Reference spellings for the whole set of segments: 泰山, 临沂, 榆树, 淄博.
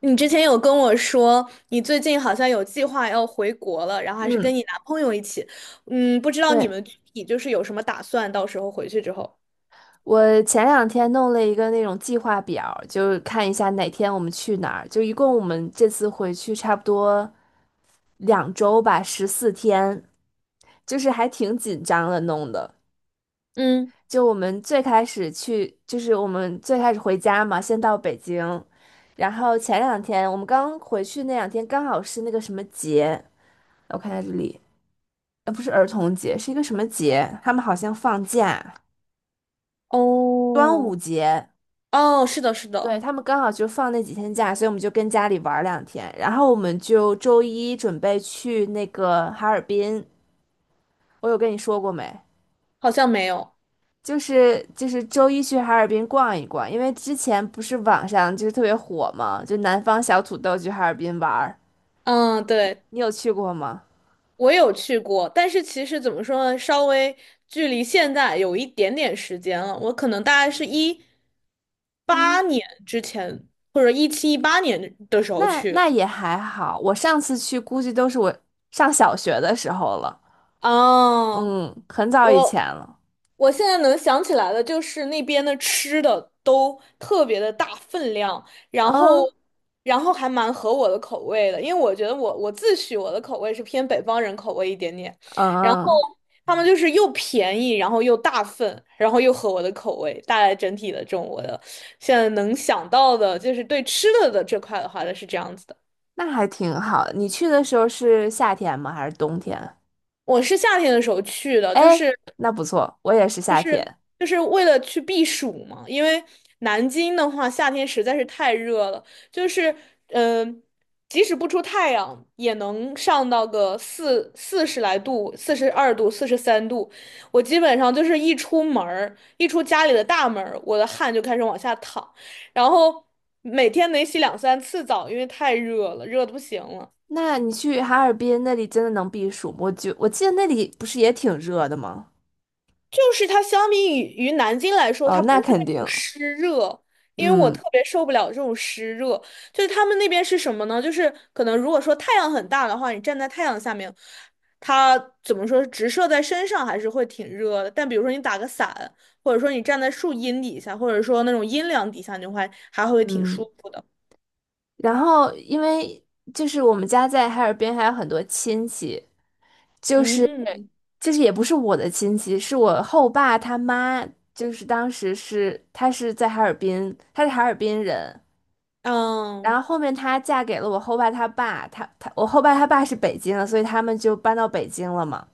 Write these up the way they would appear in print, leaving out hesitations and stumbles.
你之前有跟我说，你最近好像有计划要回国了，然后还是跟嗯，你男朋友一起。嗯，不知道你对，们具体就是有什么打算，到时候回去之后。我前两天弄了一个那种计划表就是看一下哪天我们去哪儿。就一共我们这次回去差不多2周吧，14天，就是还挺紧张的弄的。嗯，就我们最开始去，就是我们最开始回家嘛，先到北京，然后前两天我们刚回去那两天刚好是那个什么节，我看下这里，不是儿童节，是一个什么节？他们好像放假，端哦，午节。哦，是的，是的，对，他们刚好就放那几天假，所以我们就跟家里玩儿两天，然后我们就周一准备去那个哈尔滨。我有跟你说过没？好像没有。就是周一去哈尔滨逛一逛，因为之前不是网上就是特别火嘛，就南方小土豆去哈尔滨玩儿。嗯，对，你有去过吗？我有去过，但是其实怎么说呢，稍微距离现在有一点点时间了。我可能大概是一咦，八年之前，或者17、18年的时候那去。那也还好，我上次去估计都是我上小学的时候了，哦，嗯，很早以我前了。我现在能想起来的就是那边的吃的都特别的大分量，啊，然后嗯还蛮合我的口味的，因为我觉得我自诩我的口味是偏北方人口味一点点，然后嗯。他们就是又便宜，然后又大份，然后又合我的口味，大概整体的这种我的现在能想到的就是对吃的的这块的话呢是这样子的。那还挺好。你去的时候是夏天吗？还是冬天啊？我是夏天的时候去的，就哎，是。那不错，我也是就夏是天。就是为了去避暑嘛，因为南京的话夏天实在是太热了，就是嗯、呃即使不出太阳也能上到个40来度、42度、43度。我基本上就是一出门儿，一出家里的大门儿，我的汗就开始往下淌，然后每天得洗两三次澡，因为太热了，热的不行了。那你去哈尔滨那里真的能避暑吗？我记得那里不是也挺热的吗？就是它相比于南京来说，哦，它那不是肯那种定。湿热，因为我嗯特别受不了这种湿热。就是他们那边是什么呢？就是可能如果说太阳很大的话，你站在太阳下面，它怎么说直射在身上还是会挺热的。但比如说你打个伞，或者说你站在树荫底下，或者说那种阴凉底下，你会还会挺舒嗯。服的。然后因为就是我们家在哈尔滨还有很多亲戚，就是嗯就是也不是我的亲戚，是我后爸他妈，就是当时是他是在哈尔滨，他是哈尔滨人。然嗯后后面她嫁给了我后爸他爸，他我后爸他爸是北京的，所以他们就搬到北京了嘛。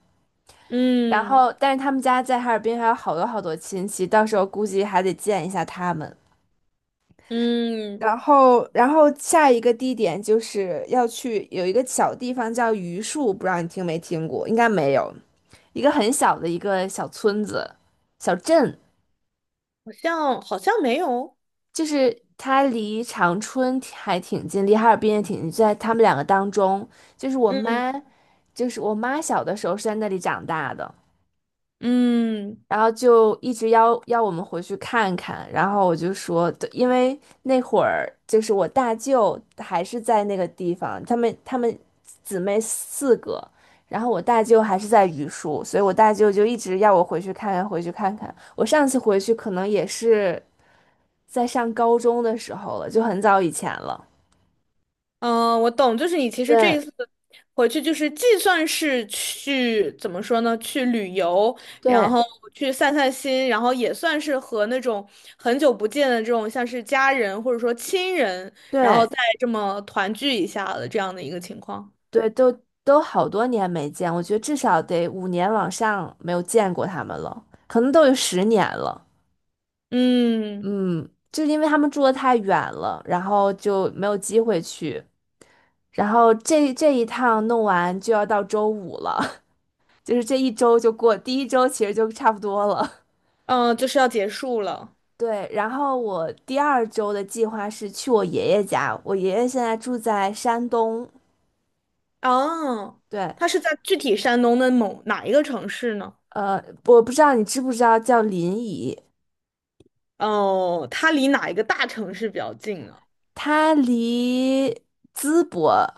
然嗯后，但是他们家在哈尔滨还有好多好多亲戚，到时候估计还得见一下他们。嗯，然后，下一个地点就是要去有一个小地方叫榆树，不知道你听没听过，应该没有，一个很小的一个小村子、小镇。好像没有。就是它离长春还挺近，离哈尔滨也挺近，在他们两个当中，就是我嗯妈，我妈小的时候是在那里长大的。嗯。然后就一直要我们回去看看，然后我就说，对，因为那会儿就是我大舅还是在那个地方，他们姊妹4个，然后我大舅还是在榆树，所以我大舅就一直要我回去看看，回去看看。我上次回去可能也是在上高中的时候了，就很早以前了。嗯，我懂，就是你其实这一对次回去，就是既算是去怎么说呢，去旅游，然对后去散散心，然后也算是和那种很久不见的这种像是家人或者说亲人，然后对，再这么团聚一下的这样的一个情况。对，都好多年没见，我觉得至少得5年往上没有见过他们了，可能都有10年了。嗯嗯，就是因为他们住的太远了，然后就没有机会去。然后这一趟弄完就要到周五了，就是这一周就过，第一周其实就差不多了。嗯，就是要结束了。对，然后我第二周的计划是去我爷爷家，我爷爷现在住在山东，哦，对，它是在具体山东的某哪一个城市呢？呃，我不知道你知不知道叫临沂。哦，它离哪一个大城市比较近呢？它离淄博，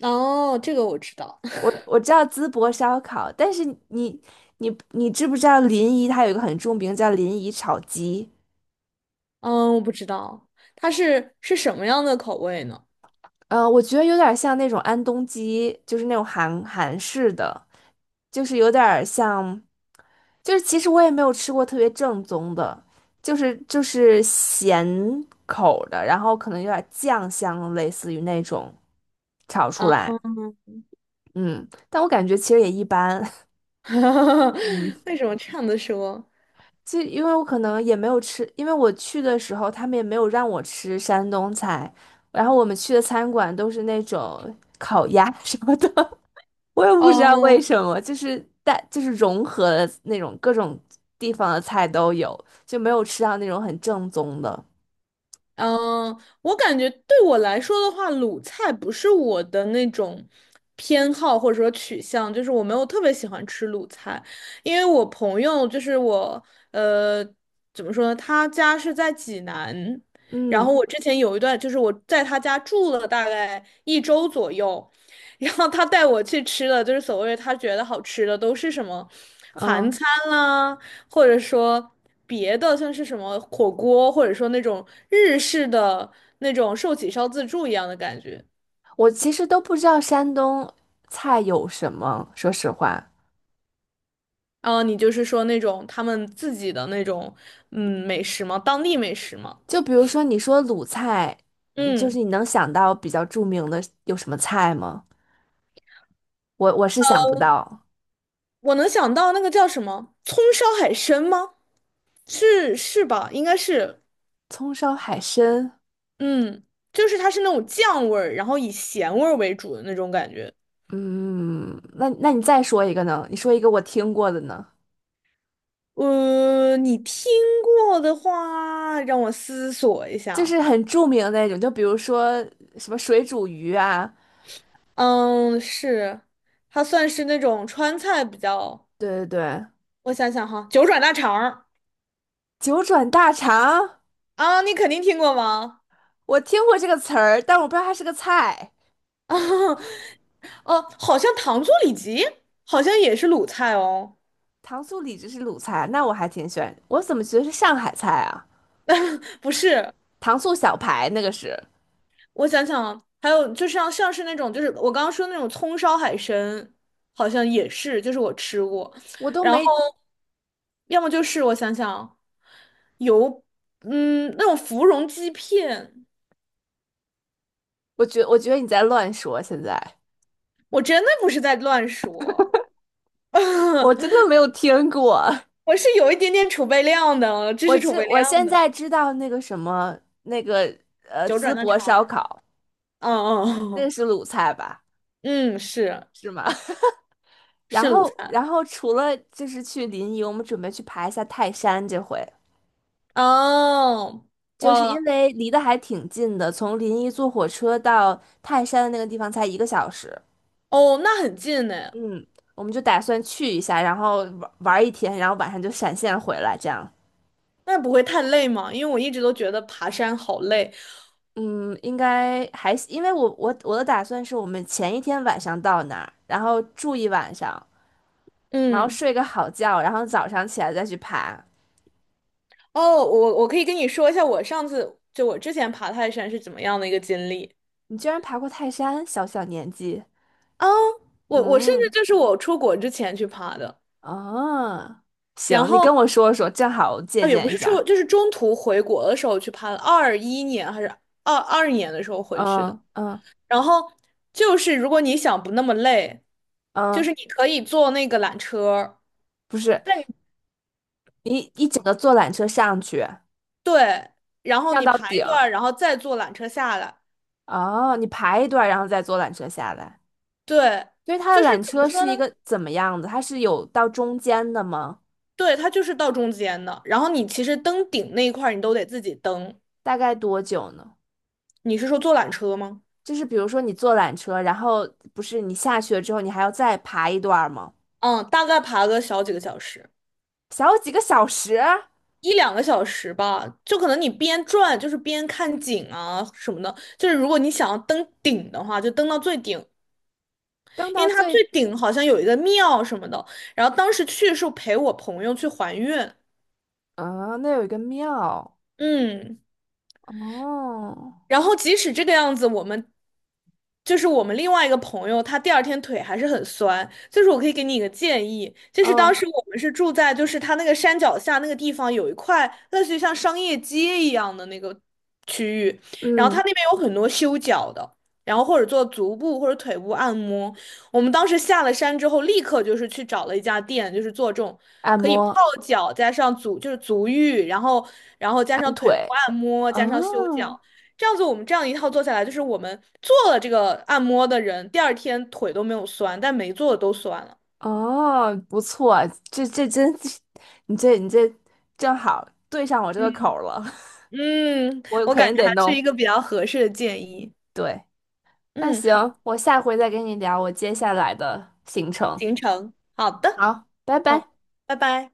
哦，这个我知道。我知道淄博烧烤，但是你知不知道临沂它有一个很著名叫临沂炒鸡？嗯，我不知道，它是什么样的口味呢？我觉得有点像那种安东鸡，就是那种韩式的，就是有点像，就是其实我也没有吃过特别正宗的，就是咸口的，然后可能有点酱香，类似于那种炒出啊，来，嗯，但我感觉其实也一般，嗯。为什么这样的说？就因为我可能也没有吃，因为我去的时候他们也没有让我吃山东菜，然后我们去的餐馆都是那种烤鸭 什么的，我也不知道为哦什么，就是融合了那种各种地方的菜都有，就没有吃到那种很正宗的。嗯，我感觉对我来说的话，鲁菜不是我的那种偏好或者说取向，就是我没有特别喜欢吃鲁菜，因为我朋友就是我，呃，怎么说呢？他家是在济南，然后嗯我之前有一段就是我在他家住了大概一周左右，然后他带我去吃的，就是所谓他觉得好吃的都是什么韩嗯，餐啦，或者说。别的，像是什么火锅，或者说那种日式的那种寿喜烧自助一样的感觉。我其实都不知道山东菜有什么，说实话，啊，你就是说那种他们自己的那种美食吗？当地美食吗？就比如说你说鲁菜，嗯就是嗯，你能想到比较著名的有什么菜吗？我是想不到，我能想到那个叫什么葱烧海参吗？是吧？应该是，葱烧海参，嗯，就是它是那种酱味儿，然后以咸味儿为主的那种感觉。嗯，那你再说一个呢？你说一个我听过的呢，呃，你听过的话，让我思索一就是下。很著名的那种，就比如说什么水煮鱼啊，嗯，是，它算是那种川菜比较，对对对，我想想哈，九转大肠儿九转大肠，啊，你肯定听过吗？我听过这个词儿，但我不知道它是个菜。啊，哦，好像糖醋里脊好像也是鲁菜哦，糖醋里脊是鲁菜，那我还挺喜欢，我怎么觉得是上海菜啊？不是，糖醋小排那个是，我想想啊，还有就像是那种就是我刚刚说那种葱烧海参，好像也是，就是我吃过，我都然后没，要么就是我想想啊，有那种芙蓉鸡片，我觉得你在乱说，现在我真的不是在乱说。我真的没有听过。我是有一点点储备量的，知识储备我量现的，在知道那个什么那个九淄转的博肠烧儿。烤，嗯那个嗯是鲁菜吧？嗯，嗯是是吗？然是鲁后菜。除了就是去临沂，我们准备去爬一下泰山，这回哦，就是因哇为离得还挺近的，从临沂坐火车到泰山的那个地方才一个小时。哦，那很近呢，嗯，我们就打算去一下，然后玩一天，然后晚上就闪现回来，这样。那不会太累吗？因为我一直都觉得爬山好累。嗯，应该还，因为我的打算是我们前一天晚上到那儿，然后住一晚上。然后嗯，睡个好觉，然后早上起来再去爬。哦，我可以跟你说一下，我上次就我之前爬泰山是怎么样的一个经历你居然爬过泰山，小小年纪，啊？我甚至嗯，就是我出国之前去爬的，啊，然行，你跟后我说说，正好我借啊，也不鉴一是说，下。就是中途回国的时候去爬，的，21年还是22年的时候回去的。嗯嗯然后就是如果你想不那么累，就嗯，是你可以坐那个缆车，不是，但你你一整个坐缆车上去，对，然后上你到排顶，一段，然后再坐缆车下来。哦，你爬一段，然后再坐缆车下来。对，所以它就的是缆怎么车说是呢？一个怎么样的？它是有到中间的吗？对，它就是到中间的。然后你其实登顶那一块儿你都得自己登。大概多久呢？你是说坐缆车吗？就是比如说你坐缆车，然后不是你下去了之后，你还要再爬一段儿吗？嗯，大概爬个小几个小时。小几个小时，一两个小时吧，就可能你边转就是边看景啊什么的。就是如果你想要登顶的话，就登到最顶，登因到为它最最顶好像有一个庙什么的。然后当时去是陪我朋友去还愿，啊，那有一个庙嗯。哦，然后即使这个样子，我们就是我们另外一个朋友，他第二天腿还是很酸。就是我可以给你一个建议，就是当嗯时我们是住在就是他那个山脚下那个地方有一块类似于像商业街一样的那个区域，然后他嗯，那边有很多修脚的。然后或者做足部或者腿部按摩，我们当时下了山之后，立刻就是去找了一家店，就是做这种按可以泡摩脚加上足就是足浴，然后加按上腿部腿，按摩啊加上修脚。这样子，我们这样一套做下来，就是我们做了这个按摩的人，第二天腿都没有酸，但没做的都酸了。哦，不错，这真，你这正好对上我这个嗯口儿了，嗯，我我肯感觉定得还是一弄。个比较合适的建议。对，那嗯，行，好，我下回再跟你聊我接下来的行程。行程，好的，好，拜拜。好，拜拜。